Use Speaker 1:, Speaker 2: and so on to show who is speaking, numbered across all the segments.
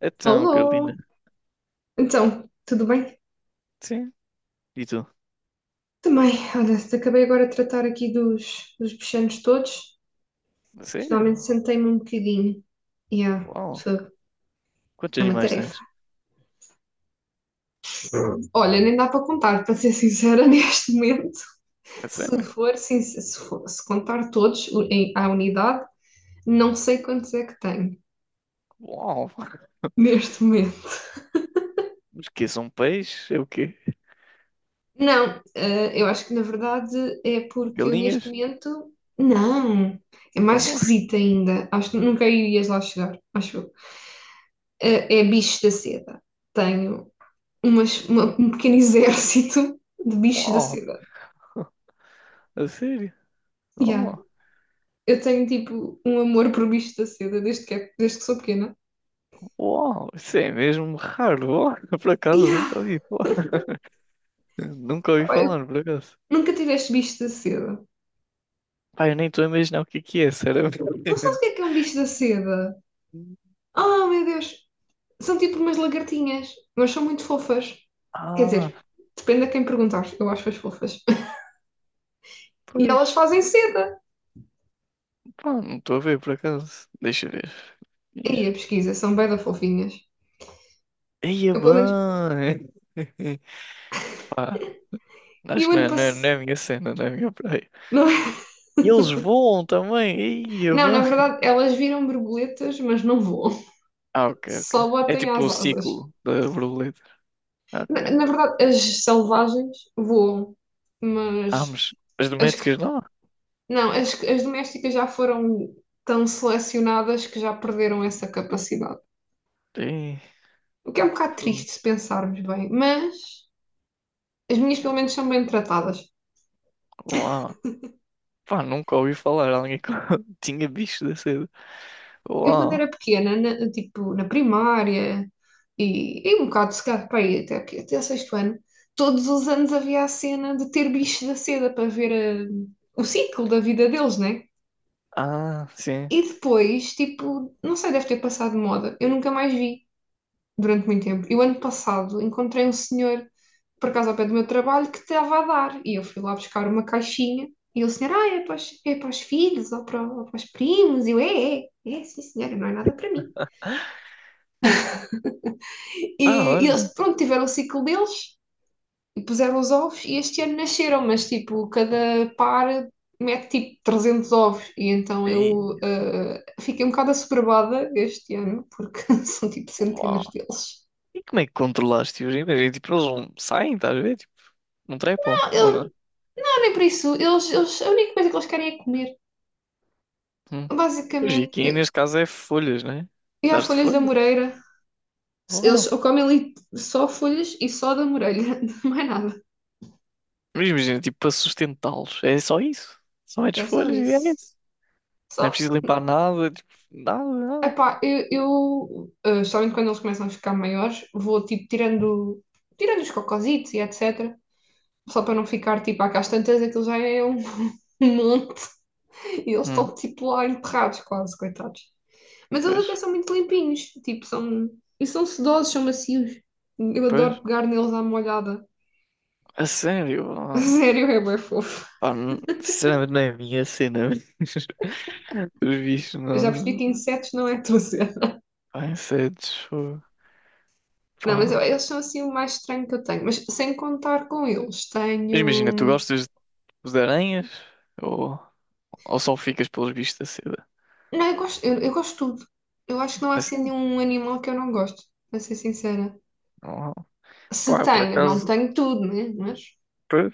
Speaker 1: Então, Carolina.
Speaker 2: Alô! Então, tudo bem?
Speaker 1: Sim. E tu?
Speaker 2: Também, olha, acabei agora de tratar aqui dos bichanos todos
Speaker 1: A
Speaker 2: e
Speaker 1: sério?
Speaker 2: finalmente sentei-me um bocadinho. Yeah,
Speaker 1: Uau.
Speaker 2: fogo.
Speaker 1: Quantos
Speaker 2: É uma
Speaker 1: animais
Speaker 2: tarefa.
Speaker 1: tens?
Speaker 2: Olha, nem dá para contar, para ser sincera, neste momento.
Speaker 1: A
Speaker 2: Se
Speaker 1: sério?
Speaker 2: for, sim, se, se for- se contar todos em, à unidade, não sei quantos é que tenho
Speaker 1: Uau.
Speaker 2: neste momento.
Speaker 1: Mas que são peixes? É o quê?
Speaker 2: Não, eu acho que na verdade é porque eu neste
Speaker 1: Galinhas?
Speaker 2: momento. Não, é mais
Speaker 1: Então,
Speaker 2: esquisito ainda. Acho que nunca irias lá chegar, acho eu. É bicho da seda. Tenho um pequeno exército de bichos da
Speaker 1: uau.
Speaker 2: seda.
Speaker 1: A sério?
Speaker 2: Yeah.
Speaker 1: Uau.
Speaker 2: Eu tenho tipo um amor por bichos da seda desde que, desde que sou pequena.
Speaker 1: Uau. Isso é mesmo raro. Uau. Por acaso,
Speaker 2: Yeah.
Speaker 1: nunca ouvi falar. Nunca ouvi
Speaker 2: Pá, eu
Speaker 1: falar, por acaso.
Speaker 2: nunca tive este bicho da seda.
Speaker 1: Pai, eu nem estou a imaginar o que é, sinceramente.
Speaker 2: Não sabes o que é um bicho da seda? Oh meu Deus! São tipo umas lagartinhas, mas são muito fofas. Quer
Speaker 1: Ah,
Speaker 2: dizer, depende a quem perguntar, eu acho-as fofas. E
Speaker 1: pois.
Speaker 2: elas fazem seda.
Speaker 1: Pá, não estou a ver, por acaso. Deixa eu ver.
Speaker 2: E aí a
Speaker 1: Isso.
Speaker 2: pesquisa, são bem da fofinhas.
Speaker 1: Eia,
Speaker 2: Eu pelo menos.
Speaker 1: bem.
Speaker 2: E
Speaker 1: Acho
Speaker 2: o
Speaker 1: que não
Speaker 2: ano
Speaker 1: é, não é, não é
Speaker 2: passado.
Speaker 1: a minha cena, não é a minha praia.
Speaker 2: Não é?
Speaker 1: E eles voam também. Ia,
Speaker 2: Não, na
Speaker 1: vã.
Speaker 2: verdade, elas viram borboletas, mas não voam.
Speaker 1: Ah, ok, ok.
Speaker 2: Só
Speaker 1: É
Speaker 2: batem
Speaker 1: tipo
Speaker 2: às
Speaker 1: o
Speaker 2: asas.
Speaker 1: ciclo da borboleta.
Speaker 2: Na,
Speaker 1: Ok.
Speaker 2: na verdade, as selvagens voam,
Speaker 1: Ah,
Speaker 2: mas
Speaker 1: mas as
Speaker 2: as que.
Speaker 1: domésticas não?
Speaker 2: Não, as domésticas já foram tão selecionadas que já perderam essa capacidade.
Speaker 1: Ih,
Speaker 2: O que é um bocado
Speaker 1: fogo.
Speaker 2: triste se pensarmos bem, mas as minhas pelo menos são bem tratadas.
Speaker 1: Uau. Pá, nunca ouvi falar alguém que tinha bicho da cedo.
Speaker 2: Eu quando era
Speaker 1: Uau.
Speaker 2: pequena, tipo, na primária e um bocado se calhar para aí, até, até o sexto ano, todos os anos havia a cena de ter bichos da seda para ver o ciclo da vida deles, né?
Speaker 1: Ah, sim.
Speaker 2: E depois, tipo, não sei, deve ter passado de moda. Eu nunca mais vi durante muito tempo. E o ano passado encontrei um senhor, por acaso ao pé do meu trabalho, que estava a dar. E eu fui lá buscar uma caixinha. E o senhor, é para os, filhos ou para os primos. E eu, é, sim, senhora, não é nada para mim.
Speaker 1: Pá,
Speaker 2: E
Speaker 1: olha.
Speaker 2: eles, pronto, tiveram o ciclo deles e puseram os ovos e este ano nasceram, mas tipo, cada par mete tipo 300 ovos e então
Speaker 1: Ei,
Speaker 2: eu fiquei um bocado assoberbada este ano porque são tipo
Speaker 1: uau.
Speaker 2: centenas deles.
Speaker 1: E como é que controlaste os invernos? Tipo, eles não saem, estás a ver? Tipo, não trepam,
Speaker 2: Não,
Speaker 1: ou
Speaker 2: eu,
Speaker 1: não?
Speaker 2: não nem por isso, eles, a única coisa que eles querem é comer,
Speaker 1: Hum. Pois, e
Speaker 2: basicamente.
Speaker 1: aqui
Speaker 2: E,
Speaker 1: neste caso é folhas, né?
Speaker 2: e há
Speaker 1: Daste
Speaker 2: folhas da
Speaker 1: folhas?
Speaker 2: Moreira, eles ou comem ali só folhas e só da Moreira, não é nada,
Speaker 1: Mas imagina, tipo, para sustentá-los. É só isso. Só metes
Speaker 2: é só
Speaker 1: folhas e é
Speaker 2: isso.
Speaker 1: isso. Não é
Speaker 2: Só
Speaker 1: preciso limpar nada, tipo, nada, nada.
Speaker 2: Epá, eu somente quando eles começam a ficar maiores, vou tipo tirando os cocositos e etc. Só para não ficar tipo cá às tantas, aquilo já é um monte e eles
Speaker 1: Hum,
Speaker 2: estão tipo lá enterrados quase, coitados. Mas eles
Speaker 1: pois,
Speaker 2: até são muito limpinhos, tipo, são. E são sedosos, são macios. Eu
Speaker 1: pois.
Speaker 2: adoro pegar neles à molhada.
Speaker 1: A sério? Ah,
Speaker 2: Sério, é bem fofo.
Speaker 1: pá, sinceramente não é a minha cena. Mas os bichos
Speaker 2: Eu já percebi
Speaker 1: não.
Speaker 2: que insetos não é tudo cena.
Speaker 1: Pá, insetos. Fogo.
Speaker 2: Não, mas
Speaker 1: Pá.
Speaker 2: eles são assim o mais estranho que eu tenho. Mas sem contar com eles,
Speaker 1: Mas imagina, tu
Speaker 2: tenho.
Speaker 1: gostas de aranhas ou, ou só ficas pelos bichos da seda?
Speaker 2: Não, eu gosto, eu gosto de tudo. Eu acho que não há assim
Speaker 1: Assim?
Speaker 2: nenhum animal que eu não gosto, para ser sincera.
Speaker 1: Não,
Speaker 2: Se
Speaker 1: pá, por
Speaker 2: tenho, não
Speaker 1: acaso.
Speaker 2: tenho tudo, né? Mas
Speaker 1: Pois.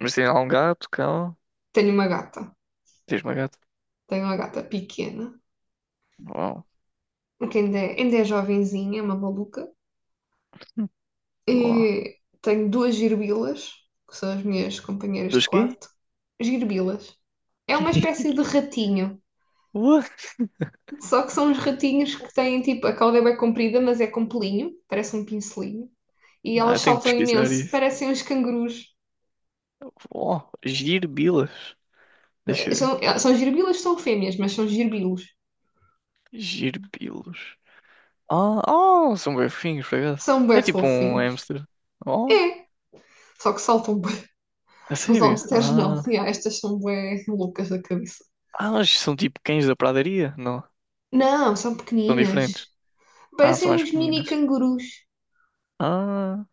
Speaker 1: Mas tem lá um gato, cão.
Speaker 2: tenho uma gata.
Speaker 1: Tens uma gata?
Speaker 2: Tenho uma gata pequena,
Speaker 1: Uau.
Speaker 2: que ainda é jovenzinha, é uma maluca.
Speaker 1: Hum. Uau.
Speaker 2: E tenho duas girbilas, que são as minhas companheiras de
Speaker 1: Dos quê?
Speaker 2: quarto. Girbilas. É
Speaker 1: Que?
Speaker 2: uma espécie de ratinho.
Speaker 1: What?
Speaker 2: Só que são uns ratinhos que têm tipo, a cauda é bem comprida, mas é com pelinho, parece um pincelinho. E
Speaker 1: Não,
Speaker 2: elas
Speaker 1: eu tenho que
Speaker 2: saltam
Speaker 1: pesquisar
Speaker 2: imenso,
Speaker 1: isso.
Speaker 2: parecem uns cangurus.
Speaker 1: Oh, girbilas. Deixa eu ver.
Speaker 2: São girbilas, são fêmeas, mas são girbilos.
Speaker 1: Girbilos. Ah, oh, são bem fofinhos, por acaso.
Speaker 2: São bué
Speaker 1: É tipo um
Speaker 2: fofinhos.
Speaker 1: hamster. Oh,
Speaker 2: É, só que saltam bué.
Speaker 1: a
Speaker 2: Os
Speaker 1: sério?
Speaker 2: hamsters não.
Speaker 1: Ah,
Speaker 2: Ya, estas são bué loucas da cabeça.
Speaker 1: ah, mas são tipo cães da pradaria? Não,
Speaker 2: Não, são
Speaker 1: são
Speaker 2: pequeninas.
Speaker 1: diferentes. Ah, são
Speaker 2: Parecem
Speaker 1: mais
Speaker 2: uns mini
Speaker 1: pequeninas.
Speaker 2: cangurus.
Speaker 1: Ah,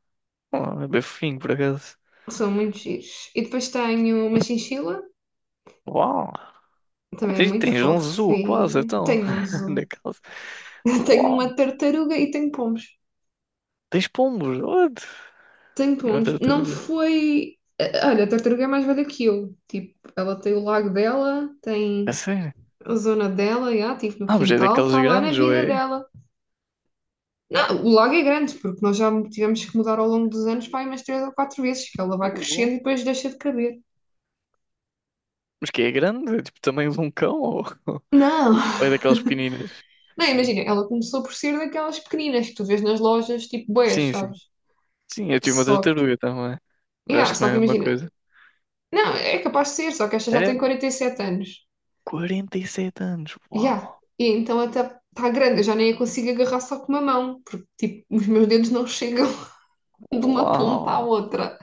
Speaker 1: oh, é bem fofinho, por acaso.
Speaker 2: São muito giros. E depois tenho uma chinchila,
Speaker 1: Uau, oh,
Speaker 2: também é
Speaker 1: tens,
Speaker 2: muito
Speaker 1: tens um zoo quase,
Speaker 2: fofinha.
Speaker 1: então.
Speaker 2: Tenho um
Speaker 1: Na
Speaker 2: zoo.
Speaker 1: casa.
Speaker 2: Tenho
Speaker 1: Uau,
Speaker 2: uma tartaruga e tenho pombos.
Speaker 1: tens pombos, what?
Speaker 2: Tenho
Speaker 1: E uma
Speaker 2: pombos. Não
Speaker 1: tartaruga.
Speaker 2: foi. Olha, a tartaruga é mais velha que eu. Tipo, ela tem o lago dela,
Speaker 1: A
Speaker 2: tem
Speaker 1: sério?
Speaker 2: a zona dela, já, estive no
Speaker 1: Ah, mas é
Speaker 2: quintal,
Speaker 1: daqueles
Speaker 2: está lá na
Speaker 1: grandes ou
Speaker 2: vida
Speaker 1: é.
Speaker 2: dela. Não, o lago é grande, porque nós já tivemos que mudar ao longo dos anos, pá, umas três ou quatro vezes, que ela vai
Speaker 1: Uh,
Speaker 2: crescendo e depois deixa de caber.
Speaker 1: Mas que é grande? É tipo, tamanho de um cão? Ou,
Speaker 2: Não!
Speaker 1: ou é daquelas pequeninas?
Speaker 2: Não, imagina, ela começou por ser daquelas pequeninas que tu vês nas lojas, tipo boias,
Speaker 1: Sim,
Speaker 2: sabes?
Speaker 1: sim. Sim, eu tive uma
Speaker 2: Só que,
Speaker 1: tartaruga também. Mas
Speaker 2: yeah,
Speaker 1: acho que não
Speaker 2: só
Speaker 1: é a
Speaker 2: que
Speaker 1: mesma
Speaker 2: imagina,
Speaker 1: coisa.
Speaker 2: não, é capaz de ser, só que esta já
Speaker 1: É?
Speaker 2: tem 47 anos.
Speaker 1: 47 anos.
Speaker 2: Yeah.
Speaker 1: Uau!
Speaker 2: E então até está grande, eu já nem a consigo agarrar só com uma mão, porque tipo, os meus dedos não chegam de uma ponta à
Speaker 1: Uau!
Speaker 2: outra.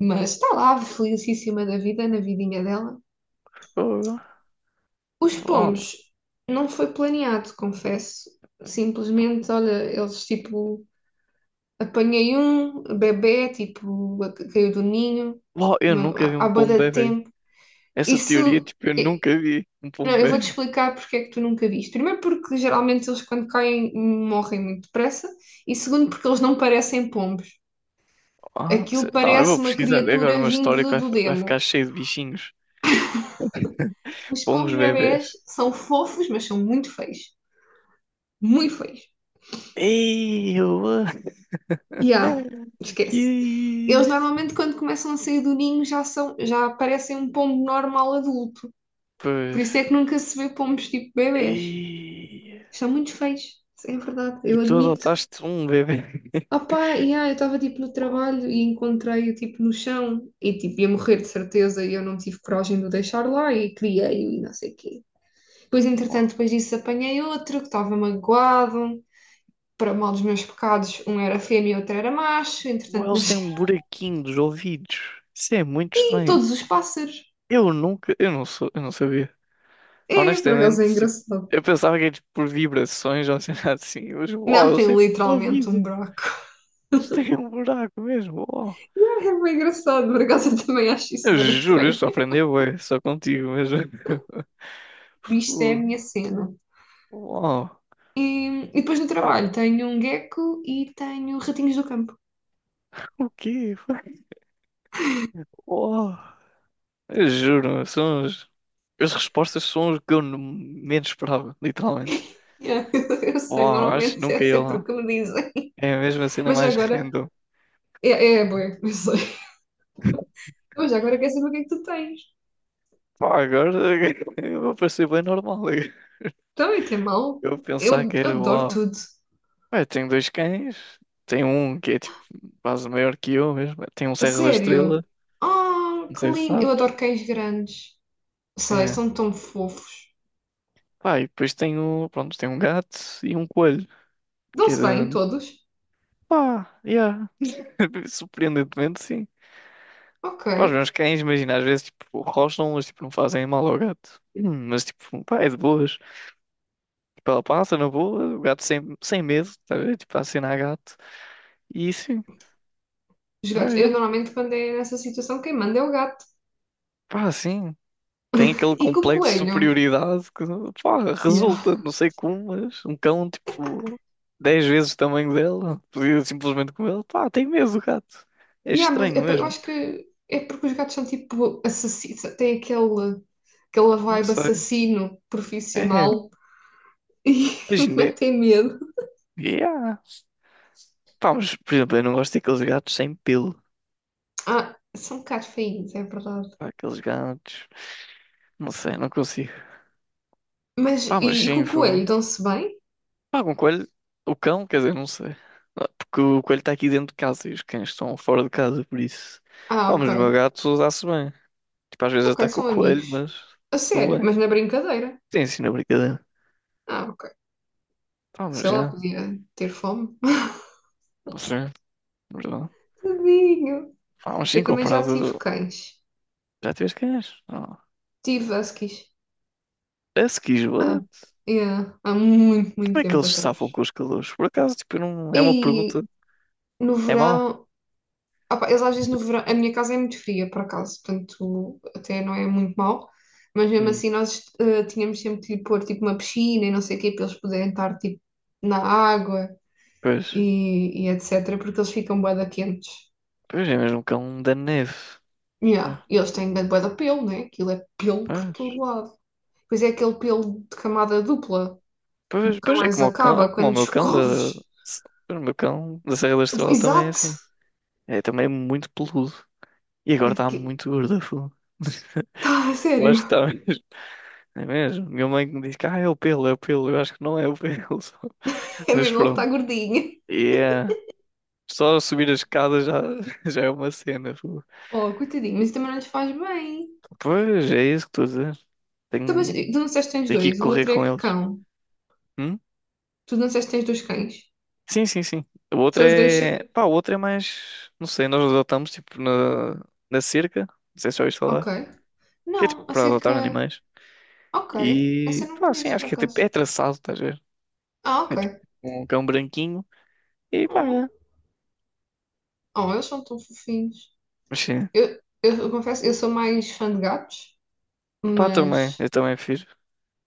Speaker 2: Mas está lá, felicíssima da vida, na vidinha dela.
Speaker 1: Fogo.
Speaker 2: Os
Speaker 1: Uau!
Speaker 2: pomos não foi planeado, confesso. Simplesmente, olha, eles tipo, apanhei um bebé, tipo, caiu do ninho,
Speaker 1: Uau! Eu nunca vi
Speaker 2: há
Speaker 1: um
Speaker 2: bué
Speaker 1: pombo
Speaker 2: de
Speaker 1: bebê.
Speaker 2: tempo.
Speaker 1: Essa teoria,
Speaker 2: Isso,
Speaker 1: tipo, eu
Speaker 2: eh,
Speaker 1: nunca vi um
Speaker 2: não,
Speaker 1: pombo
Speaker 2: eu vou-te
Speaker 1: bebê.
Speaker 2: explicar porque é que tu nunca viste. Primeiro porque geralmente eles quando caem morrem muito depressa e segundo porque eles não parecem pombos.
Speaker 1: Ah,
Speaker 2: Aquilo
Speaker 1: não, eu vou
Speaker 2: parece uma
Speaker 1: pesquisar. É agora
Speaker 2: criatura
Speaker 1: uma história que
Speaker 2: vinda
Speaker 1: vai,
Speaker 2: do
Speaker 1: fi- vai ficar
Speaker 2: demo.
Speaker 1: cheio de bichinhos.
Speaker 2: Os
Speaker 1: Pombos
Speaker 2: pombos bebês
Speaker 1: bebês.
Speaker 2: são fofos, mas são muito feios. Muito feios.
Speaker 1: Ei, eu.
Speaker 2: E
Speaker 1: Que
Speaker 2: esquece. Eles
Speaker 1: isso?
Speaker 2: normalmente, quando começam a sair do ninho, já parecem um pombo normal adulto. Por
Speaker 1: Pois.
Speaker 2: isso é que nunca se vê pombos tipo bebês.
Speaker 1: Ei,
Speaker 2: São muito feios. É verdade,
Speaker 1: e
Speaker 2: eu
Speaker 1: tu
Speaker 2: admito.
Speaker 1: adotaste um bebê.
Speaker 2: Opá, e eu estava tipo no trabalho e encontrei-o tipo no chão e tipo ia morrer de certeza e eu não tive coragem de o deixar lá e criei-o e não sei o quê. Depois, entretanto, depois disso apanhei outro que estava magoado para mal dos meus pecados, um era fêmea e outro era macho,
Speaker 1: Ou
Speaker 2: entretanto
Speaker 1: eles têm
Speaker 2: nasci
Speaker 1: um buraquinho dos ouvidos. Isso é muito
Speaker 2: em
Speaker 1: estranho.
Speaker 2: todos os pássaros.
Speaker 1: Eu nunca, eu não sou, eu não sabia.
Speaker 2: É, por
Speaker 1: Honestamente,
Speaker 2: acaso é
Speaker 1: tipo,
Speaker 2: engraçado.
Speaker 1: eu pensava que era tipo, por vibrações ou sei lá assim, mas uau,
Speaker 2: Não
Speaker 1: eles
Speaker 2: tem
Speaker 1: têm tipo um
Speaker 2: literalmente um
Speaker 1: ouvido.
Speaker 2: buraco.
Speaker 1: Eles têm um buraco mesmo. Uau.
Speaker 2: É bem engraçado, por acaso eu também acho isso
Speaker 1: Eu
Speaker 2: bem
Speaker 1: juro, eu
Speaker 2: estranho.
Speaker 1: só aprendi, ué, só contigo mesmo.
Speaker 2: Isto é a
Speaker 1: Fu,
Speaker 2: minha cena.
Speaker 1: uau.
Speaker 2: E depois no
Speaker 1: Pá,
Speaker 2: trabalho tenho um gecko e tenho ratinhos do campo.
Speaker 1: o quê? Uau. Eu juro, são uns. As respostas são as que eu menos esperava, literalmente.
Speaker 2: Yeah, eu sei,
Speaker 1: Uau, acho que
Speaker 2: normalmente é
Speaker 1: nunca ia
Speaker 2: sempre o
Speaker 1: lá.
Speaker 2: que me dizem.
Speaker 1: É a mesma cena
Speaker 2: Mas já
Speaker 1: mais
Speaker 2: agora,
Speaker 1: random.
Speaker 2: é, é bué, eu sei. Mas agora quer saber o que é que tu tens.
Speaker 1: Pá, agora eu vou parecer bem normal.
Speaker 2: Também tem mal.
Speaker 1: Eu
Speaker 2: Eu
Speaker 1: pensar que era
Speaker 2: adoro
Speaker 1: uau.
Speaker 2: tudo.
Speaker 1: Ué, tenho dois cães. Tem um que é tipo quase maior que eu mesmo. Tem um
Speaker 2: A
Speaker 1: Serra da
Speaker 2: sério?
Speaker 1: Estrela.
Speaker 2: Oh,
Speaker 1: Não
Speaker 2: que
Speaker 1: sei se
Speaker 2: lindo! Eu
Speaker 1: sabes.
Speaker 2: adoro cães grandes. Sei,
Speaker 1: É.
Speaker 2: são tão fofos.
Speaker 1: Pá, e depois tenho, pronto, tenho um gato e um coelho. Que
Speaker 2: Dão-se
Speaker 1: era.
Speaker 2: bem, todos?
Speaker 1: Pá, yeah. Surpreendentemente, sim.
Speaker 2: Ok.
Speaker 1: Pá, os meus cães, imagina, às vezes, tipo, rosnam, mas, tipo, não fazem mal ao gato. Mas, tipo, pá, é de boas. Tipo, ela passa na boa, o gato sem medo, tá a ver? Tipo, a acenar gato. E sim,
Speaker 2: Os gatos.
Speaker 1: vai,
Speaker 2: Eu
Speaker 1: é.
Speaker 2: normalmente, quando é nessa situação, quem manda é o gato
Speaker 1: Pá, sim. Tem aquele
Speaker 2: e com o
Speaker 1: complexo de
Speaker 2: coelho.
Speaker 1: superioridade que, pá,
Speaker 2: Yeah.
Speaker 1: resulta, não sei como, mas um cão, tipo, 10 vezes o tamanho dela, podia simplesmente com ele, pá, tem medo do gato. É
Speaker 2: Yeah, mas
Speaker 1: estranho
Speaker 2: é eu
Speaker 1: mesmo.
Speaker 2: acho que é porque os gatos são tipo assassinos, têm aquela
Speaker 1: Não
Speaker 2: vibe
Speaker 1: sei.
Speaker 2: assassino
Speaker 1: É,
Speaker 2: profissional e
Speaker 1: imagina,
Speaker 2: metem medo.
Speaker 1: yeah. Pá, mas, por exemplo, eu não gosto daqueles gatos sem pelo.
Speaker 2: Ah, são um bocado feinhos, é verdade.
Speaker 1: Pá, aqueles gatos. Não sei, não consigo.
Speaker 2: Mas
Speaker 1: Pá, mas
Speaker 2: e com
Speaker 1: sim,
Speaker 2: o
Speaker 1: fogo.
Speaker 2: coelho, dão-se bem?
Speaker 1: Pá, com o coelho. O cão, quer dizer, não sei. Ah, porque o coelho está aqui dentro de casa e os cães estão fora de casa, por isso.
Speaker 2: Ah,
Speaker 1: Pá, mas o meu
Speaker 2: ok.
Speaker 1: gato dá-se bem. Tipo, às vezes
Speaker 2: Ok,
Speaker 1: ataca o
Speaker 2: são amigos.
Speaker 1: coelho, mas
Speaker 2: A
Speaker 1: estão
Speaker 2: sério,
Speaker 1: bem.
Speaker 2: mas na brincadeira.
Speaker 1: Sim, sim, na brincadeira.
Speaker 2: Ah, ok.
Speaker 1: Pá,
Speaker 2: Sei
Speaker 1: mas
Speaker 2: lá,
Speaker 1: já.
Speaker 2: podia ter fome.
Speaker 1: Não sei, verdade.
Speaker 2: Tadinho.
Speaker 1: Pá, mas sim,
Speaker 2: Eu também já tive
Speaker 1: comparado.
Speaker 2: cães.
Speaker 1: Já tiveste cães? Não.
Speaker 2: Tive huskies.
Speaker 1: Parece que
Speaker 2: Ah,
Speaker 1: esbate.
Speaker 2: yeah, há muito,
Speaker 1: E
Speaker 2: muito
Speaker 1: como é que
Speaker 2: tempo
Speaker 1: eles se
Speaker 2: atrás.
Speaker 1: safam com os calores? Por acaso, tipo, eu não. É uma
Speaker 2: E
Speaker 1: pergunta.
Speaker 2: no
Speaker 1: É mau?
Speaker 2: verão, opá, eles às vezes no verão, a minha casa é muito fria, por acaso, portanto até não é muito mau, mas mesmo
Speaker 1: Hum,
Speaker 2: assim nós tínhamos sempre de pôr tipo uma piscina e não sei o quê, para eles poderem estar tipo na água
Speaker 1: pois.
Speaker 2: e etc, porque eles ficam bué da quentes.
Speaker 1: Pois é mesmo cão da neve.
Speaker 2: Yeah. E eles têm grande bué de pelo, né? Aquilo é pelo por todo
Speaker 1: Pois,
Speaker 2: lado. Pois é aquele pelo de camada dupla,
Speaker 1: pois,
Speaker 2: nunca
Speaker 1: pois é
Speaker 2: mais
Speaker 1: como o cão, é
Speaker 2: acaba
Speaker 1: como o
Speaker 2: quando
Speaker 1: meu cão da,
Speaker 2: escoves.
Speaker 1: o meu cão da Serra da Estrela também é
Speaker 2: Exato!
Speaker 1: assim. Também é muito peludo. E agora está
Speaker 2: Aqui.
Speaker 1: muito gordo, fogo.
Speaker 2: Tá, a
Speaker 1: Eu
Speaker 2: sério.
Speaker 1: acho que está mesmo. É mesmo. Minha mãe que me diz que é o pelo, é o pelo. Eu acho que não é o pelo.
Speaker 2: É
Speaker 1: Mas
Speaker 2: mesmo, ele está
Speaker 1: pronto.
Speaker 2: gordinho.
Speaker 1: E é. Só subir a escada já, já é uma cena. Fogo.
Speaker 2: Oh, coitadinho, mas também não lhes faz bem.
Speaker 1: Pois é isso que estou a dizer.
Speaker 2: Então, mas
Speaker 1: Tenho,
Speaker 2: tu não disseste que tens
Speaker 1: tenho que ir
Speaker 2: dois, o
Speaker 1: correr
Speaker 2: outro é
Speaker 1: com
Speaker 2: que
Speaker 1: eles.
Speaker 2: cão.
Speaker 1: Hum?
Speaker 2: Tu não disseste que tens dois cães.
Speaker 1: Sim, sim, sim. O outro
Speaker 2: São os dois.
Speaker 1: é. Pá, o outro é mais. Não sei, nós adotamos tipo na cerca. Não sei se já ouviste
Speaker 2: Ok.
Speaker 1: falar. Que é tipo
Speaker 2: Não,
Speaker 1: para adotar
Speaker 2: acerca.
Speaker 1: animais.
Speaker 2: Ok. Essa
Speaker 1: E
Speaker 2: eu não
Speaker 1: pá, sim,
Speaker 2: conheço
Speaker 1: acho
Speaker 2: por
Speaker 1: que é tipo. É
Speaker 2: acaso.
Speaker 1: traçado, estás a ver?
Speaker 2: Ah,
Speaker 1: É tipo
Speaker 2: ok.
Speaker 1: um cão branquinho. E pá,
Speaker 2: Oh,
Speaker 1: é.
Speaker 2: oh, eles são tão fofinhos.
Speaker 1: Mas sim.
Speaker 2: Eu confesso, eu sou mais fã de gatos.
Speaker 1: Pá, também.
Speaker 2: Mas
Speaker 1: Eu também fiz.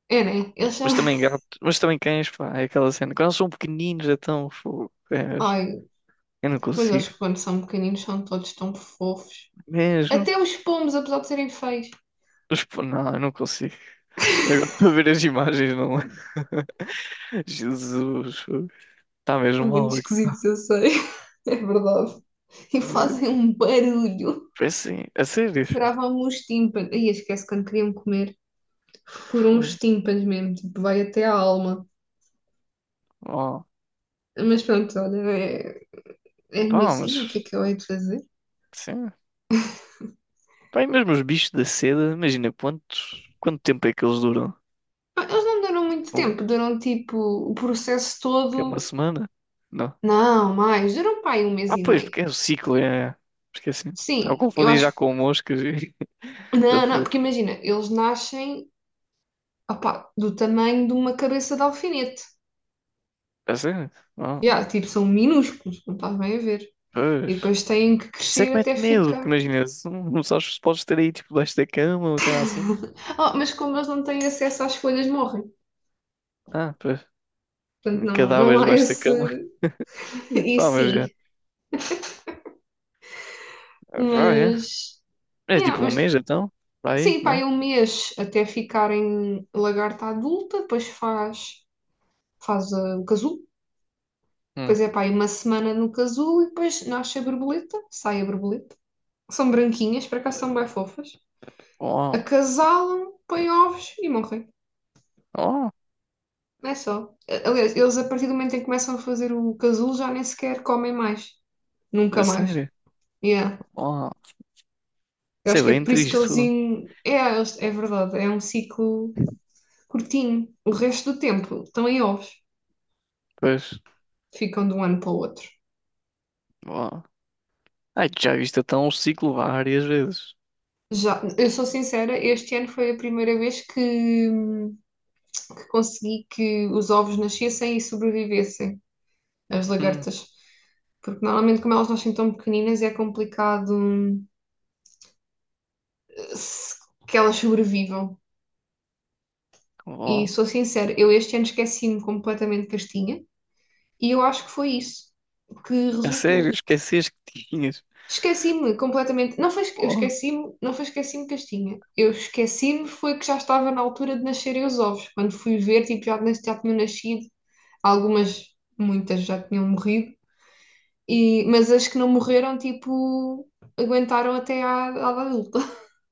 Speaker 2: é, né? Eles são.
Speaker 1: Mas também gato. Mas também cães, pá. É aquela cena. Quando eles são pequeninos, é tão. Fogo. É mesmo.
Speaker 2: Ai,
Speaker 1: Eu não
Speaker 2: mas eles
Speaker 1: consigo.
Speaker 2: quando são pequeninos são todos tão fofos.
Speaker 1: Mesmo.
Speaker 2: Até os pombos, apesar de serem feios,
Speaker 1: Mas, pô, não, eu não consigo. Eu gosto de ver as imagens, não, é? Jesus, fogo. Tá mesmo
Speaker 2: são muito
Speaker 1: mal aqui.
Speaker 2: esquisitos, eu sei. É verdade. E fazem um barulho.
Speaker 1: Foi assim, a sério.
Speaker 2: Furavam-me os tímpanos. Ai, esquece quando queriam comer. Furam os
Speaker 1: Fogo.
Speaker 2: tímpanos mesmo, tipo, vai até a alma.
Speaker 1: Oh,
Speaker 2: Mas pronto, olha, é a minha
Speaker 1: pá,
Speaker 2: sina, o que é
Speaker 1: mas
Speaker 2: que eu hei de fazer?
Speaker 1: sim. Pá, e mesmo os bichos da seda, imagina quanto tempo é que eles duram?
Speaker 2: Ah, eles não duram muito
Speaker 1: Fogo.
Speaker 2: tempo, duram tipo o processo
Speaker 1: Que é uma
Speaker 2: todo.
Speaker 1: semana? Não.
Speaker 2: Não, mais, duram para aí um mês
Speaker 1: Ah,
Speaker 2: e
Speaker 1: pois,
Speaker 2: meio.
Speaker 1: porque é o ciclo, é. Esqueci. Estava a
Speaker 2: Sim, eu
Speaker 1: confundir
Speaker 2: acho.
Speaker 1: já com moscas Da
Speaker 2: Não, não,
Speaker 1: fruta.
Speaker 2: porque imagina, eles nascem, opá, do tamanho de uma cabeça de alfinete.
Speaker 1: A sério? Oh,
Speaker 2: Yeah, tipo, são minúsculos, não estás bem a ver. E
Speaker 1: pois.
Speaker 2: depois têm que
Speaker 1: Isso é que
Speaker 2: crescer até
Speaker 1: mete medo, porque
Speaker 2: ficar.
Speaker 1: imagina, se não não sabes se podes ter aí tipo debaixo da cama, ou sei lá assim.
Speaker 2: Oh, mas como eles não têm acesso às folhas, morrem.
Speaker 1: Ah, pois.
Speaker 2: Portanto, não, não
Speaker 1: Cadáveres
Speaker 2: há
Speaker 1: debaixo da
Speaker 2: esse.
Speaker 1: cama. E
Speaker 2: E
Speaker 1: pá, mas é.
Speaker 2: sim,
Speaker 1: Pá, é.
Speaker 2: mas.
Speaker 1: É
Speaker 2: Yeah,
Speaker 1: tipo um
Speaker 2: mas
Speaker 1: mês então? Para aí,
Speaker 2: sim, pá,
Speaker 1: não?
Speaker 2: é um mês até ficarem lagarta adulta, depois faz o casulo.
Speaker 1: Hum.
Speaker 2: Depois é pá, aí uma semana no casulo e depois nasce a borboleta, sai a borboleta. São branquinhas, para cá são bem fofas.
Speaker 1: Oh,
Speaker 2: Acasalam, põem ovos e morrem.
Speaker 1: oh,
Speaker 2: Não é só. Aliás, eles a partir do momento em que começam a fazer o casulo já nem sequer comem mais. Nunca
Speaker 1: a
Speaker 2: mais.
Speaker 1: sério?
Speaker 2: Yeah.
Speaker 1: Oh,
Speaker 2: Eu
Speaker 1: isso é
Speaker 2: acho que é
Speaker 1: bem
Speaker 2: por isso que
Speaker 1: triste.
Speaker 2: eles. É, é verdade, é um ciclo curtinho. O resto do tempo estão em ovos.
Speaker 1: Pois,
Speaker 2: Ficam de um ano para o outro.
Speaker 1: oh. Ai, tu já viste até um ciclo várias vezes.
Speaker 2: Já, eu sou sincera, este ano foi a primeira vez que, consegui que os ovos nascessem e sobrevivessem, as
Speaker 1: Hum.
Speaker 2: lagartas. Porque normalmente, como elas nascem tão pequeninas, é complicado se- que elas sobrevivam. E
Speaker 1: Oh,
Speaker 2: sou sincera, eu este ano esqueci-me completamente de Castinha e eu acho que foi isso que
Speaker 1: a sério,
Speaker 2: resultou.
Speaker 1: esqueceste que tinhas.
Speaker 2: Esqueci-me completamente. Não foi, eu
Speaker 1: Oh,
Speaker 2: esqueci-me, não foi esqueci-me de Castinha. Eu esqueci-me foi que já estava na altura de nascerem os ovos. Quando fui ver, tipo, já, já tinham nascido. Algumas, muitas já tinham morrido. E, mas as que não morreram, tipo, aguentaram até à adulta,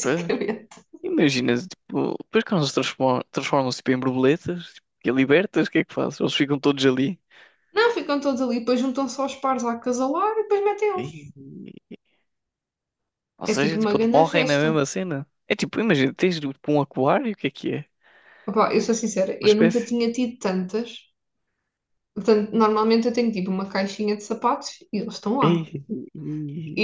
Speaker 1: pois, imagina, tipo, depois quando eles transformam-se tipo, em borboletas tipo, e libertas, o que é que fazes? Eles ficam todos ali.
Speaker 2: Não, ficam todos ali, depois juntam-se aos pares a acasalar e depois metem um.
Speaker 1: Ei. Ou
Speaker 2: É tipo
Speaker 1: seja,
Speaker 2: uma
Speaker 1: tipo, eles
Speaker 2: grande
Speaker 1: morrem na
Speaker 2: festa.
Speaker 1: mesma cena. É tipo, imagina, tens tipo, um aquário, o que é que é?
Speaker 2: Opa, eu sou sincera,
Speaker 1: Uma
Speaker 2: eu nunca
Speaker 1: espécie.
Speaker 2: tinha tido tantas. Portanto, normalmente eu tenho tipo uma caixinha de sapatos e eles estão lá.
Speaker 1: Ei.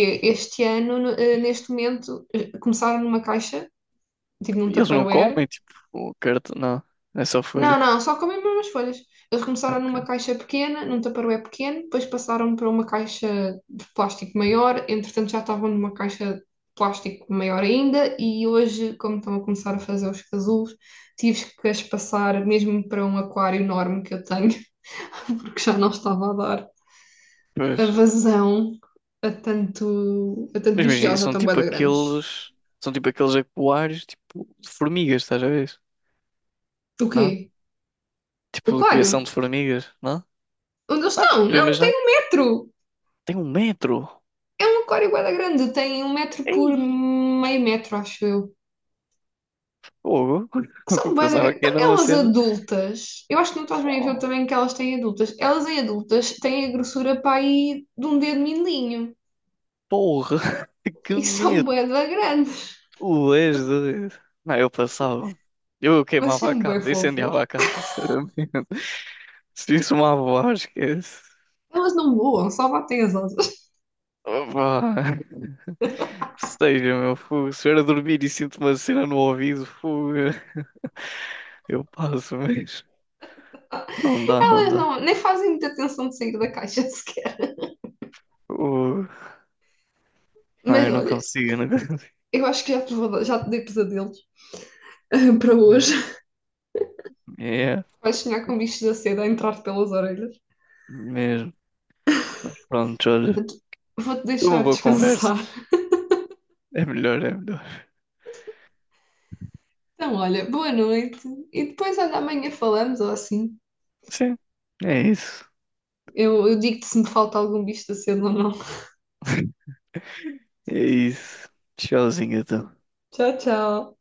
Speaker 2: E este ano, neste momento, começaram numa caixa, tipo num
Speaker 1: E eles não
Speaker 2: Tupperware.
Speaker 1: comem, tipo, o cartão, não, é só
Speaker 2: Não,
Speaker 1: folhas.
Speaker 2: não, só comem mesmo as folhas. Eles
Speaker 1: Ah,
Speaker 2: começaram numa
Speaker 1: ok.
Speaker 2: caixa pequena, num tupperware pequeno, depois passaram para uma caixa de plástico maior, entretanto já estavam numa caixa de plástico maior ainda, e hoje, como estão a começar a fazer os casulos, tive que as passar mesmo para um aquário enorme que eu tenho, porque já não estava a dar
Speaker 1: Pois.
Speaker 2: a vazão a tanto,
Speaker 1: Mas
Speaker 2: bicho, e
Speaker 1: imagina,
Speaker 2: elas já
Speaker 1: são
Speaker 2: estão bué
Speaker 1: tipo
Speaker 2: da grandes.
Speaker 1: aqueles, são tipo aqueles aquários, tipo, de formigas, estás a ver?
Speaker 2: O
Speaker 1: Não?
Speaker 2: quê? O
Speaker 1: Tipo, de criação
Speaker 2: aquário?
Speaker 1: de formigas, não?
Speaker 2: Onde eles
Speaker 1: Não, tipo,
Speaker 2: estão?
Speaker 1: tu
Speaker 2: Não, um
Speaker 1: imaginas,
Speaker 2: tetro!
Speaker 1: tem um metro.
Speaker 2: É um aquário bué da grande, tem um metro por
Speaker 1: Ei,
Speaker 2: meio metro, acho eu.
Speaker 1: fogo. Eu
Speaker 2: São bué da
Speaker 1: pensava
Speaker 2: grande.
Speaker 1: que
Speaker 2: Então,
Speaker 1: era uma
Speaker 2: elas
Speaker 1: cena.
Speaker 2: adultas, eu acho que não estás bem a ver o
Speaker 1: Oh,
Speaker 2: tamanho que elas têm adultas. Elas em adultas têm a grossura para aí de um dedo mindinho.
Speaker 1: porra, que
Speaker 2: E são
Speaker 1: medo.
Speaker 2: bué da grandes,
Speaker 1: Tu és doido. Não, eu passava. Eu
Speaker 2: mas
Speaker 1: queimava a
Speaker 2: são bué
Speaker 1: casa,
Speaker 2: fofas.
Speaker 1: incendiava a casa, sinceramente. Se isso me avoar, esquece.
Speaker 2: Elas não voam, só batem as asas.
Speaker 1: Opa. Que seja, meu fogo. Se eu a dormir e sinto uma cena no ouvido, fogo, eu passo, mas não dá, não
Speaker 2: Elas
Speaker 1: dá.
Speaker 2: não, nem fazem muita tensão de sair da caixa sequer.
Speaker 1: Fogo. Não,
Speaker 2: Mas olha,
Speaker 1: eu não consigo
Speaker 2: eu acho que já te dei pesadelos para hoje.
Speaker 1: mesmo. É,
Speaker 2: Vais sonhar com bichos da seda a entrar pelas orelhas.
Speaker 1: mesmo. Pronto, olha.
Speaker 2: Portanto, vou-te
Speaker 1: Foi uma
Speaker 2: deixar
Speaker 1: boa conversa.
Speaker 2: descansar.
Speaker 1: É melhor, é melhor.
Speaker 2: Então, olha, boa noite. E depois, olha, amanhã falamos ou assim.
Speaker 1: Sim, é isso.
Speaker 2: Eu digo-te se me falta algum bicho da cena ou não.
Speaker 1: É isso. Tchauzinho, então.
Speaker 2: Tchau, tchau.